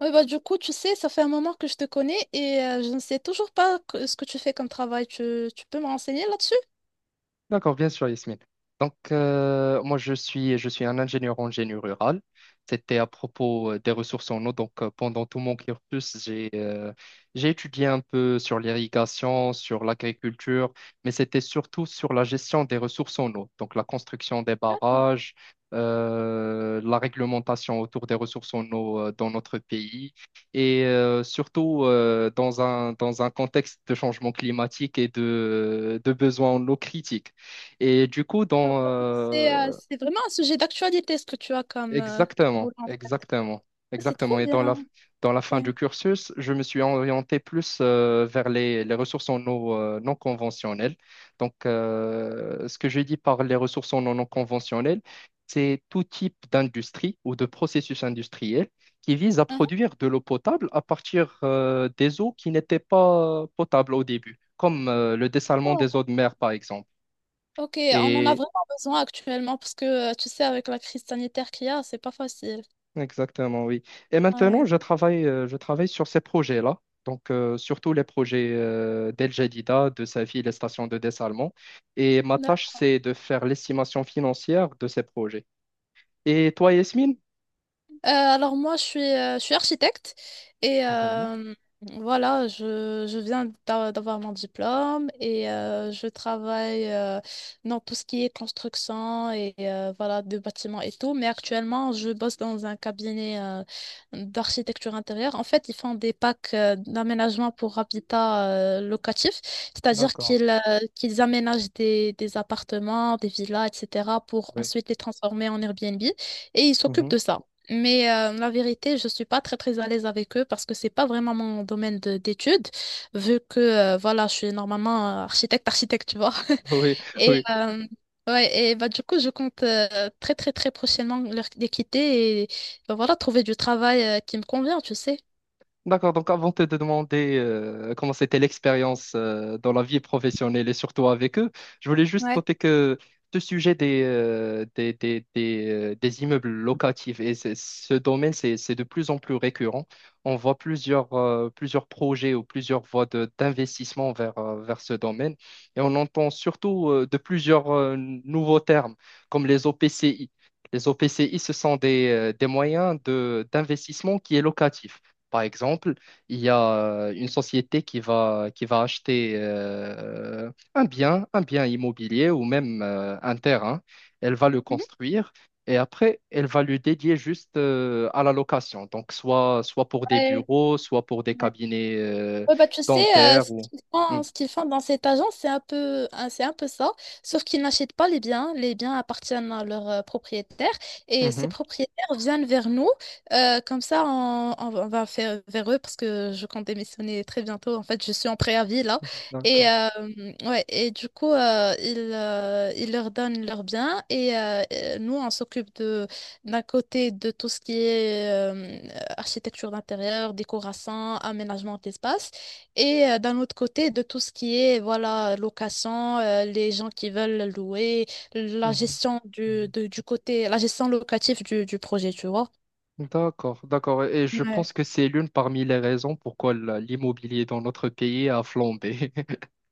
Oui, bah, du coup, tu sais, ça fait un moment que je te connais et je ne sais toujours pas ce que tu fais comme travail. Tu peux me renseigner là-dessus? D'accord, bien sûr, Yasmine. Donc, moi, je suis un ingénieur en génie rural. C'était à propos des ressources en eau. Donc, pendant tout mon cursus, j'ai étudié un peu sur l'irrigation, sur l'agriculture, mais c'était surtout sur la gestion des ressources en eau. Donc, la construction des Ah, barrages, la réglementation autour des ressources en eau dans notre pays et surtout dans un contexte de changement climatique et de besoins en eau critiques. Et du coup, ah, donc, c'est c'est vraiment un sujet d'actualité, ce que tu as comme, comme exactement, boulot en fait. exactement, C'est trop exactement. Et dans la, bien. dans la Ok. fin du cursus, je me suis orienté plus vers les ressources en eau non conventionnelles. Donc, ce que je dis par les ressources en eau non conventionnelles, c'est tout type d'industrie ou de processus industriel qui vise à Mhm. produire de l'eau potable à partir des eaux qui n'étaient pas potables au début, comme le dessalement des D'accord. eaux de mer, par exemple. Ok, on en a vraiment besoin actuellement parce que, tu sais, avec la crise sanitaire qu'il y a, c'est pas facile. Exactement, oui. Et maintenant, Ouais. je travaille sur ces projets-là, donc surtout les projets d'El Jadida, de Safi, les stations de dessalement. Et ma tâche, c'est de faire l'estimation financière de ces projets. Et toi, Yasmine? Alors moi, je suis architecte et Mhm. euh, voilà, je, d'avoir mon diplôme et je travaille dans tout ce qui est construction et voilà, de bâtiments et tout. Mais actuellement, je bosse dans un cabinet d'architecture intérieure. En fait, ils font des packs d'aménagement pour habitat locatif, c'est-à-dire D'accord. Qu'ils aménagent des appartements, des villas, etc. pour Oui. ensuite les transformer en Airbnb et ils s'occupent Mhm. de ça. Mais la vérité, je suis pas très très à l'aise avec eux parce que c'est pas vraiment mon d'études, vu que voilà, je suis normalement architecte, architecte, tu vois. Oui, Et oui. euh, ouais, et bah du coup, je compte très très très prochainement les quitter et bah, voilà, trouver du travail qui me convient, tu sais. D'accord, donc avant de te demander comment c'était l'expérience dans la vie professionnelle et surtout avec eux, je voulais juste Ouais. noter que ce sujet des immeubles locatifs et ce domaine, c'est de plus en plus récurrent. On voit plusieurs projets ou plusieurs voies d'investissement vers ce domaine et on entend surtout de plusieurs nouveaux termes comme les OPCI. Les OPCI, ce sont des moyens d'investissement qui est locatif. Par exemple, il y a une société qui va acheter un bien immobilier ou même un terrain. Elle va le Mhm. construire et après, elle va le dédier juste à la location. Donc, soit pour des Ouais, bureaux, soit pour des ouais. cabinets Ouais, bah, tu sais, dentaires ou. Hmm. Ce qu'ils font dans cette agence, c'est un peu, hein, c'est un peu ça, sauf qu'ils n'achètent pas les biens. Les biens appartiennent à leurs propriétaires et ces Mhm. propriétaires viennent vers nous. Comme ça, on, on va faire vers eux parce que je compte démissionner très bientôt. En fait, je suis en préavis là. Et, D'accord. euh, ouais, et du coup, ils leur donnent leurs biens et nous, on s'occupe de, d'un côté de tout ce qui est architecture d'intérieur, décoration, aménagement d'espace. Et d'un autre côté, de tout ce qui est voilà location, les gens qui veulent louer, la Mhm. gestion du côté, la gestion locative du projet, tu vois. D'accord, d'accord. Et je Ouais. pense que c'est l'une parmi les raisons pourquoi l'immobilier dans notre pays a flambé.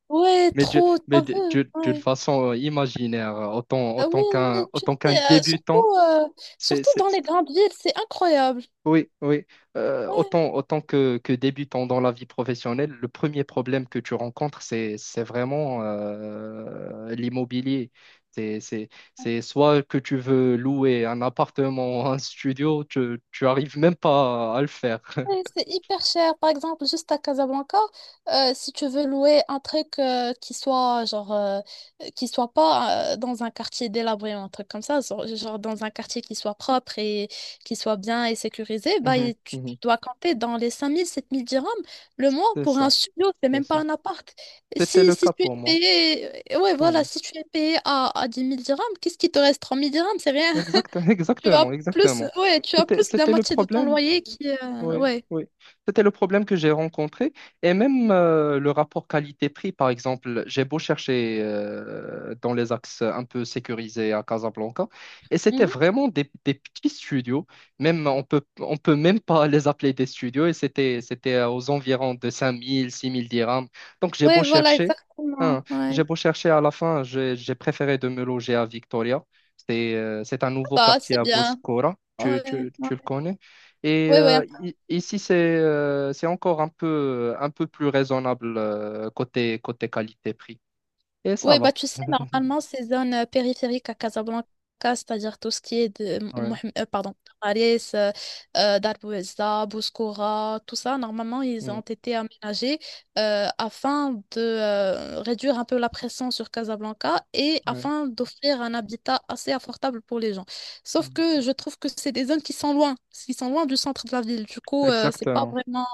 Ouais, Mais trop, t'as vu, d'une ouais. façon imaginaire, autant, Ah autant oui, oui, qu'un, tu autant qu'un sais, débutant, c'est, surtout c'est- dans les grandes villes, c'est incroyable. oui, oui, Ouais. autant, autant que débutant dans la vie professionnelle, le premier problème que tu rencontres, c'est vraiment l'immobilier. C'est, c'est, c'est soit que tu veux louer un appartement, un studio, tu arrives même pas à le faire. Ouais, c'est hyper cher. Par exemple, juste à Casablanca, si tu veux louer un truc qui soit genre qui soit pas dans un quartier délabré, ou un truc comme ça, genre, genre dans un quartier qui soit propre et qui soit bien et sécurisé, bah Mhm, et tu mhm. dois compter dans les 5 000 à 7 000 dirhams le mois C'est pour ça, un studio, c'est c'est même pas ça. un appart. C'était Si, le si cas tu es pour moi. payé, ouais, voilà, Mmh. si tu es payé à 10 000 dirhams, qu'est-ce qui te reste? 3 000 dirhams, c'est rien. Exact, Tu as exactement, plus, exactement. ouais, tu as C'était, plus de la c'était le moitié de ton problème, loyer qui, oui, ouais. oui. C'était le problème que j'ai rencontré. Et même le rapport qualité-prix, par exemple, j'ai beau chercher dans les axes un peu sécurisés à Casablanca, et c'était Mhm. vraiment des petits studios. Même, on peut même pas les appeler des studios, et c'était aux environs de 5 000, 6 000 dirhams. Donc j'ai beau Ouais, voilà, chercher, hein, exactement. j'ai Ouais. beau chercher à la fin, j'ai préféré de me loger à Victoria. C'est un Ah nouveau bah, quartier c'est à bien. Boscora. Tu, Ouais, tu, ouais. tu le connais? Et Ouais, ouais. Ici, c'est encore un peu plus raisonnable côté qualité-prix. Et ça Ouais, bah, va. tu sais, normalement, ces zones périphériques à Casablanca, c'est-à-dire tout ce qui est de Ouais, pardon, Tararis, Dar Bouezza, Bouskoura, tout ça, normalement, ils ont ouais, été aménagés afin de réduire un peu la pression sur Casablanca et ouais. Ouais. afin d'offrir un habitat assez abordable pour les gens. Sauf que je trouve que c'est des zones qui sont loin du centre de la ville. Du coup, c'est pas Exactement. vraiment.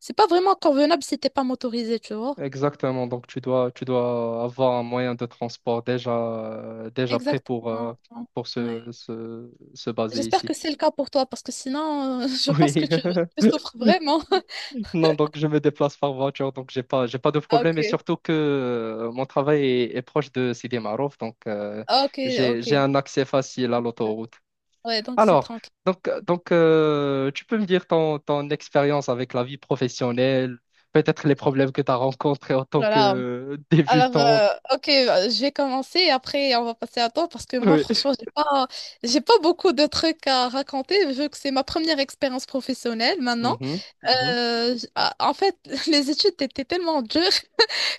C'est pas vraiment convenable si t'es pas motorisé, tu vois. Exactement. Donc, tu dois avoir un moyen de transport déjà, déjà prêt pour, euh, Exactement. pour Ouais. se baser J'espère ici. que c'est le cas pour toi, parce que sinon, je pense que Oui. tu souffres vraiment. Non, donc je me déplace par voiture, donc j'ai pas de Ah, problème. Et ok. surtout que mon travail est proche de Sidi Marouf, donc Ah, ok, j'ai ok. un accès facile à l'autoroute. Ouais, donc c'est Alors, tranquille. donc, tu peux me dire ton, ton expérience avec la vie professionnelle, peut-être les problèmes que tu as rencontrés en tant Voilà. que Alors, débutante. Ok, je vais commencer et après on va passer à toi parce que moi, Oui. franchement, j'ai pas beaucoup de trucs à raconter vu que c'est ma première expérience professionnelle maintenant. Mhm, mhm. En fait, les études étaient tellement dures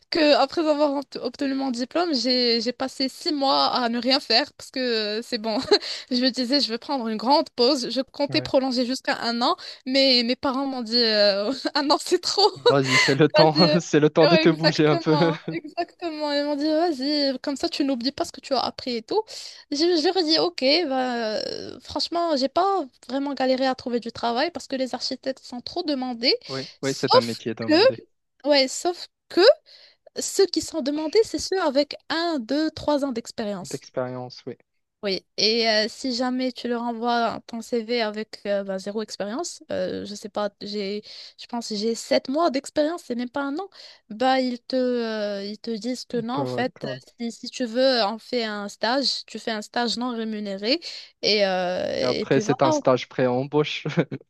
que après avoir obtenu mon diplôme, j'ai passé 6 mois à ne rien faire parce que c'est bon. Je me disais, je vais prendre une grande pause. Je comptais Ouais. prolonger jusqu'à un an, mais mes parents m'ont dit un an c'est trop. Ouais. Vas-y, c'est le temps, Vas-y. c'est le temps de Ouais, te bouger un peu. exactement, exactement. Ils m'ont dit, vas-y, comme ça tu n'oublies pas ce que tu as appris et tout. Je leur ai dit, ok, bah, franchement, j'ai pas vraiment galéré à trouver du travail parce que les architectes sont trop demandés. Oui, oui, c'est un Sauf métier que, demandé. ouais, sauf que ceux qui sont demandés, c'est ceux avec 1, 2, 3 ans d'expérience. D'expérience, oui. Oui. Et si jamais tu leur envoies ton CV avec bah, zéro expérience, je sais pas, j'ai, je pense que j'ai 7 mois d'expérience, c'est même pas un an, bah ils te disent que non, en fait, D'accord. Si, si tu veux, on fait un stage, tu fais un stage non rémunéré, Et et après, puis c'est voilà. un stage pré-embauche.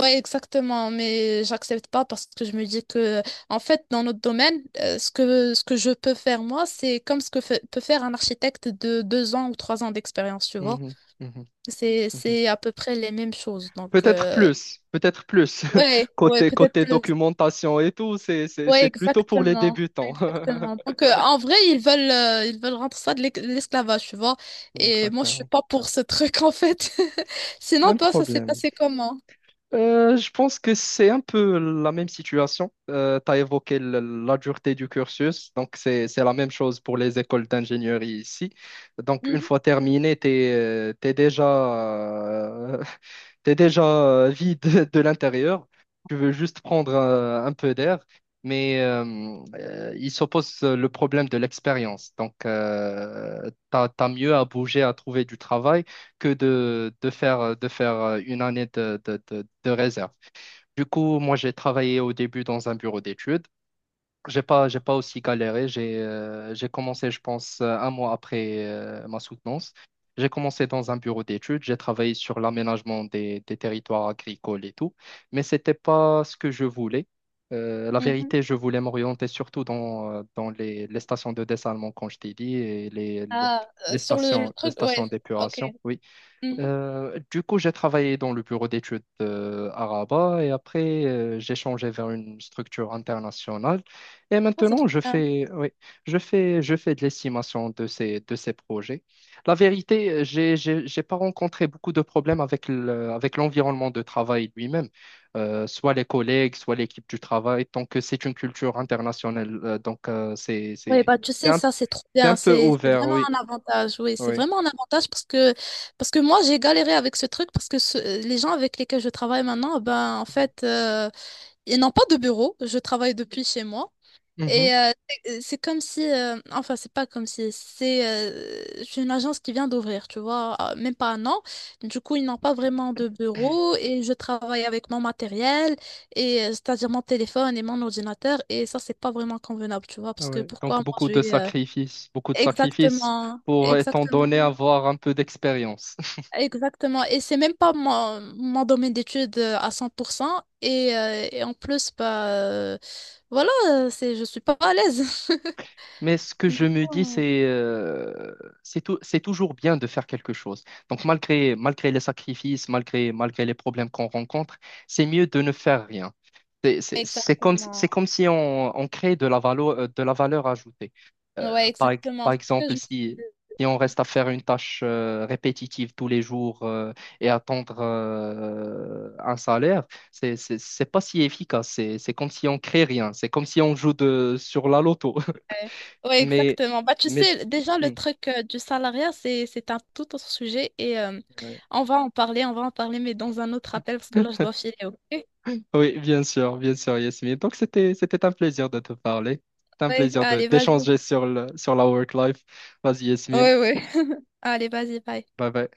Ouais, exactement, mais j'accepte pas parce que je me dis que, en fait, dans notre domaine, ce que je peux faire moi, c'est comme ce que peut faire un architecte de 2 ans ou 3 ans d'expérience, tu vois. Mhm, mhm, mhm. C'est à peu près les mêmes choses. Donc, Peut-être plus, peut-être plus. ouais, ouais, Côté, peut-être côté plus. documentation et tout, c'est, c'est, Ouais, c'est plutôt pour les exactement. débutants. Exactement. Donc, en vrai, ils veulent rendre ça de de l'esclavage, tu vois. Et moi, je suis Exactement. pas pour ce truc, en fait. Sinon, Même toi, ça s'est problème. passé comment? Je pense que c'est un peu la même situation. Tu as évoqué la dureté du cursus, donc c'est la même chose pour les écoles d'ingénierie ici. Donc une fois terminé, tu es, déjà euh, T'es déjà vide de l'intérieur, tu veux juste prendre un peu d'air, mais il s'oppose le problème de l'expérience. Donc, t'as mieux à bouger, à trouver du travail que de faire une année de réserve. Du coup, moi, j'ai travaillé au début dans un bureau d'études. J'ai pas aussi galéré. J'ai commencé, je pense, un mois après ma soutenance. J'ai commencé dans un bureau d'études. J'ai travaillé sur l'aménagement des territoires agricoles et tout. Mais c'était pas ce que je voulais. La Mhm. vérité, je voulais m'orienter surtout dans, dans les stations de dessalement, comme je t'ai dit, et les, les Ah, les sur le stations, les truc, stations ouais, ok. d'épuration. Oui. Mhm. Du coup, j'ai travaillé dans le bureau d'études à Rabat et après, j'ai changé vers une structure internationale. Et Ah, c'est maintenant, trop je bien. fais, oui, je fais de l'estimation de ces projets. La vérité, j'ai pas rencontré beaucoup de problèmes avec avec l'environnement de travail lui-même. Soit les collègues, soit l'équipe du travail, tant que c'est une culture internationale. Donc, Oui, bah tu c'est sais, un, ça c'est trop c'est un bien, peu c'est ouvert, vraiment oui. un avantage, oui, c'est Oui. vraiment un avantage parce que moi j'ai galéré avec ce truc parce que les gens avec lesquels je travaille maintenant, ben en fait, ils n'ont pas de bureau, je travaille depuis chez moi. Mhm. Et c'est comme si, enfin, c'est pas comme si, c'est une agence qui vient d'ouvrir, tu vois, même pas un an. Du coup, ils n'ont pas vraiment de bureau et je travaille avec mon matériel, c'est-à-dire mon téléphone et mon ordinateur, et ça, c'est pas vraiment convenable, tu vois, parce Ah que ouais. pourquoi Donc moi je vais. Beaucoup de sacrifices Exactement, pour, étant exactement, donné, avoir un peu d'expérience. exactement. Et c'est même pas mon, mon domaine d'études à 100%, et en plus, bah, voilà, c'est, je suis pas à l'aise. Mais ce que je Du me dis, coup, c'est toujours bien de faire quelque chose. Donc malgré les sacrifices, malgré les problèmes qu'on rencontre, c'est mieux de ne faire rien. C'est c'est- c'est comme, exactement. c'est comme si on crée de la valeur ajoutée. Ouais, par, ex- exactement. par C'est ce que je exemple, me suis si, dit. si on reste à faire une tâche répétitive tous les jours et attendre un salaire, c'est pas si efficace. C'est comme si on crée rien. C'est comme si on joue sur la loto. Ouais, ouais, Mais, exactement. Bah, tu mais... sais, déjà, le Hmm, truc du salariat, c'est un tout autre sujet et ouais. on va en parler, on va en parler, mais dans un autre appel parce que là, je dois filer, ok? Oui, bien sûr, Yasmine. Donc, c'était un plaisir de te parler. C'était un Ouais, plaisir de allez, vas-y. d'échanger sur sur la work life. Vas-y, Yasmine. Ouais, ouais. Allez, vas-y, bye. Bye bye.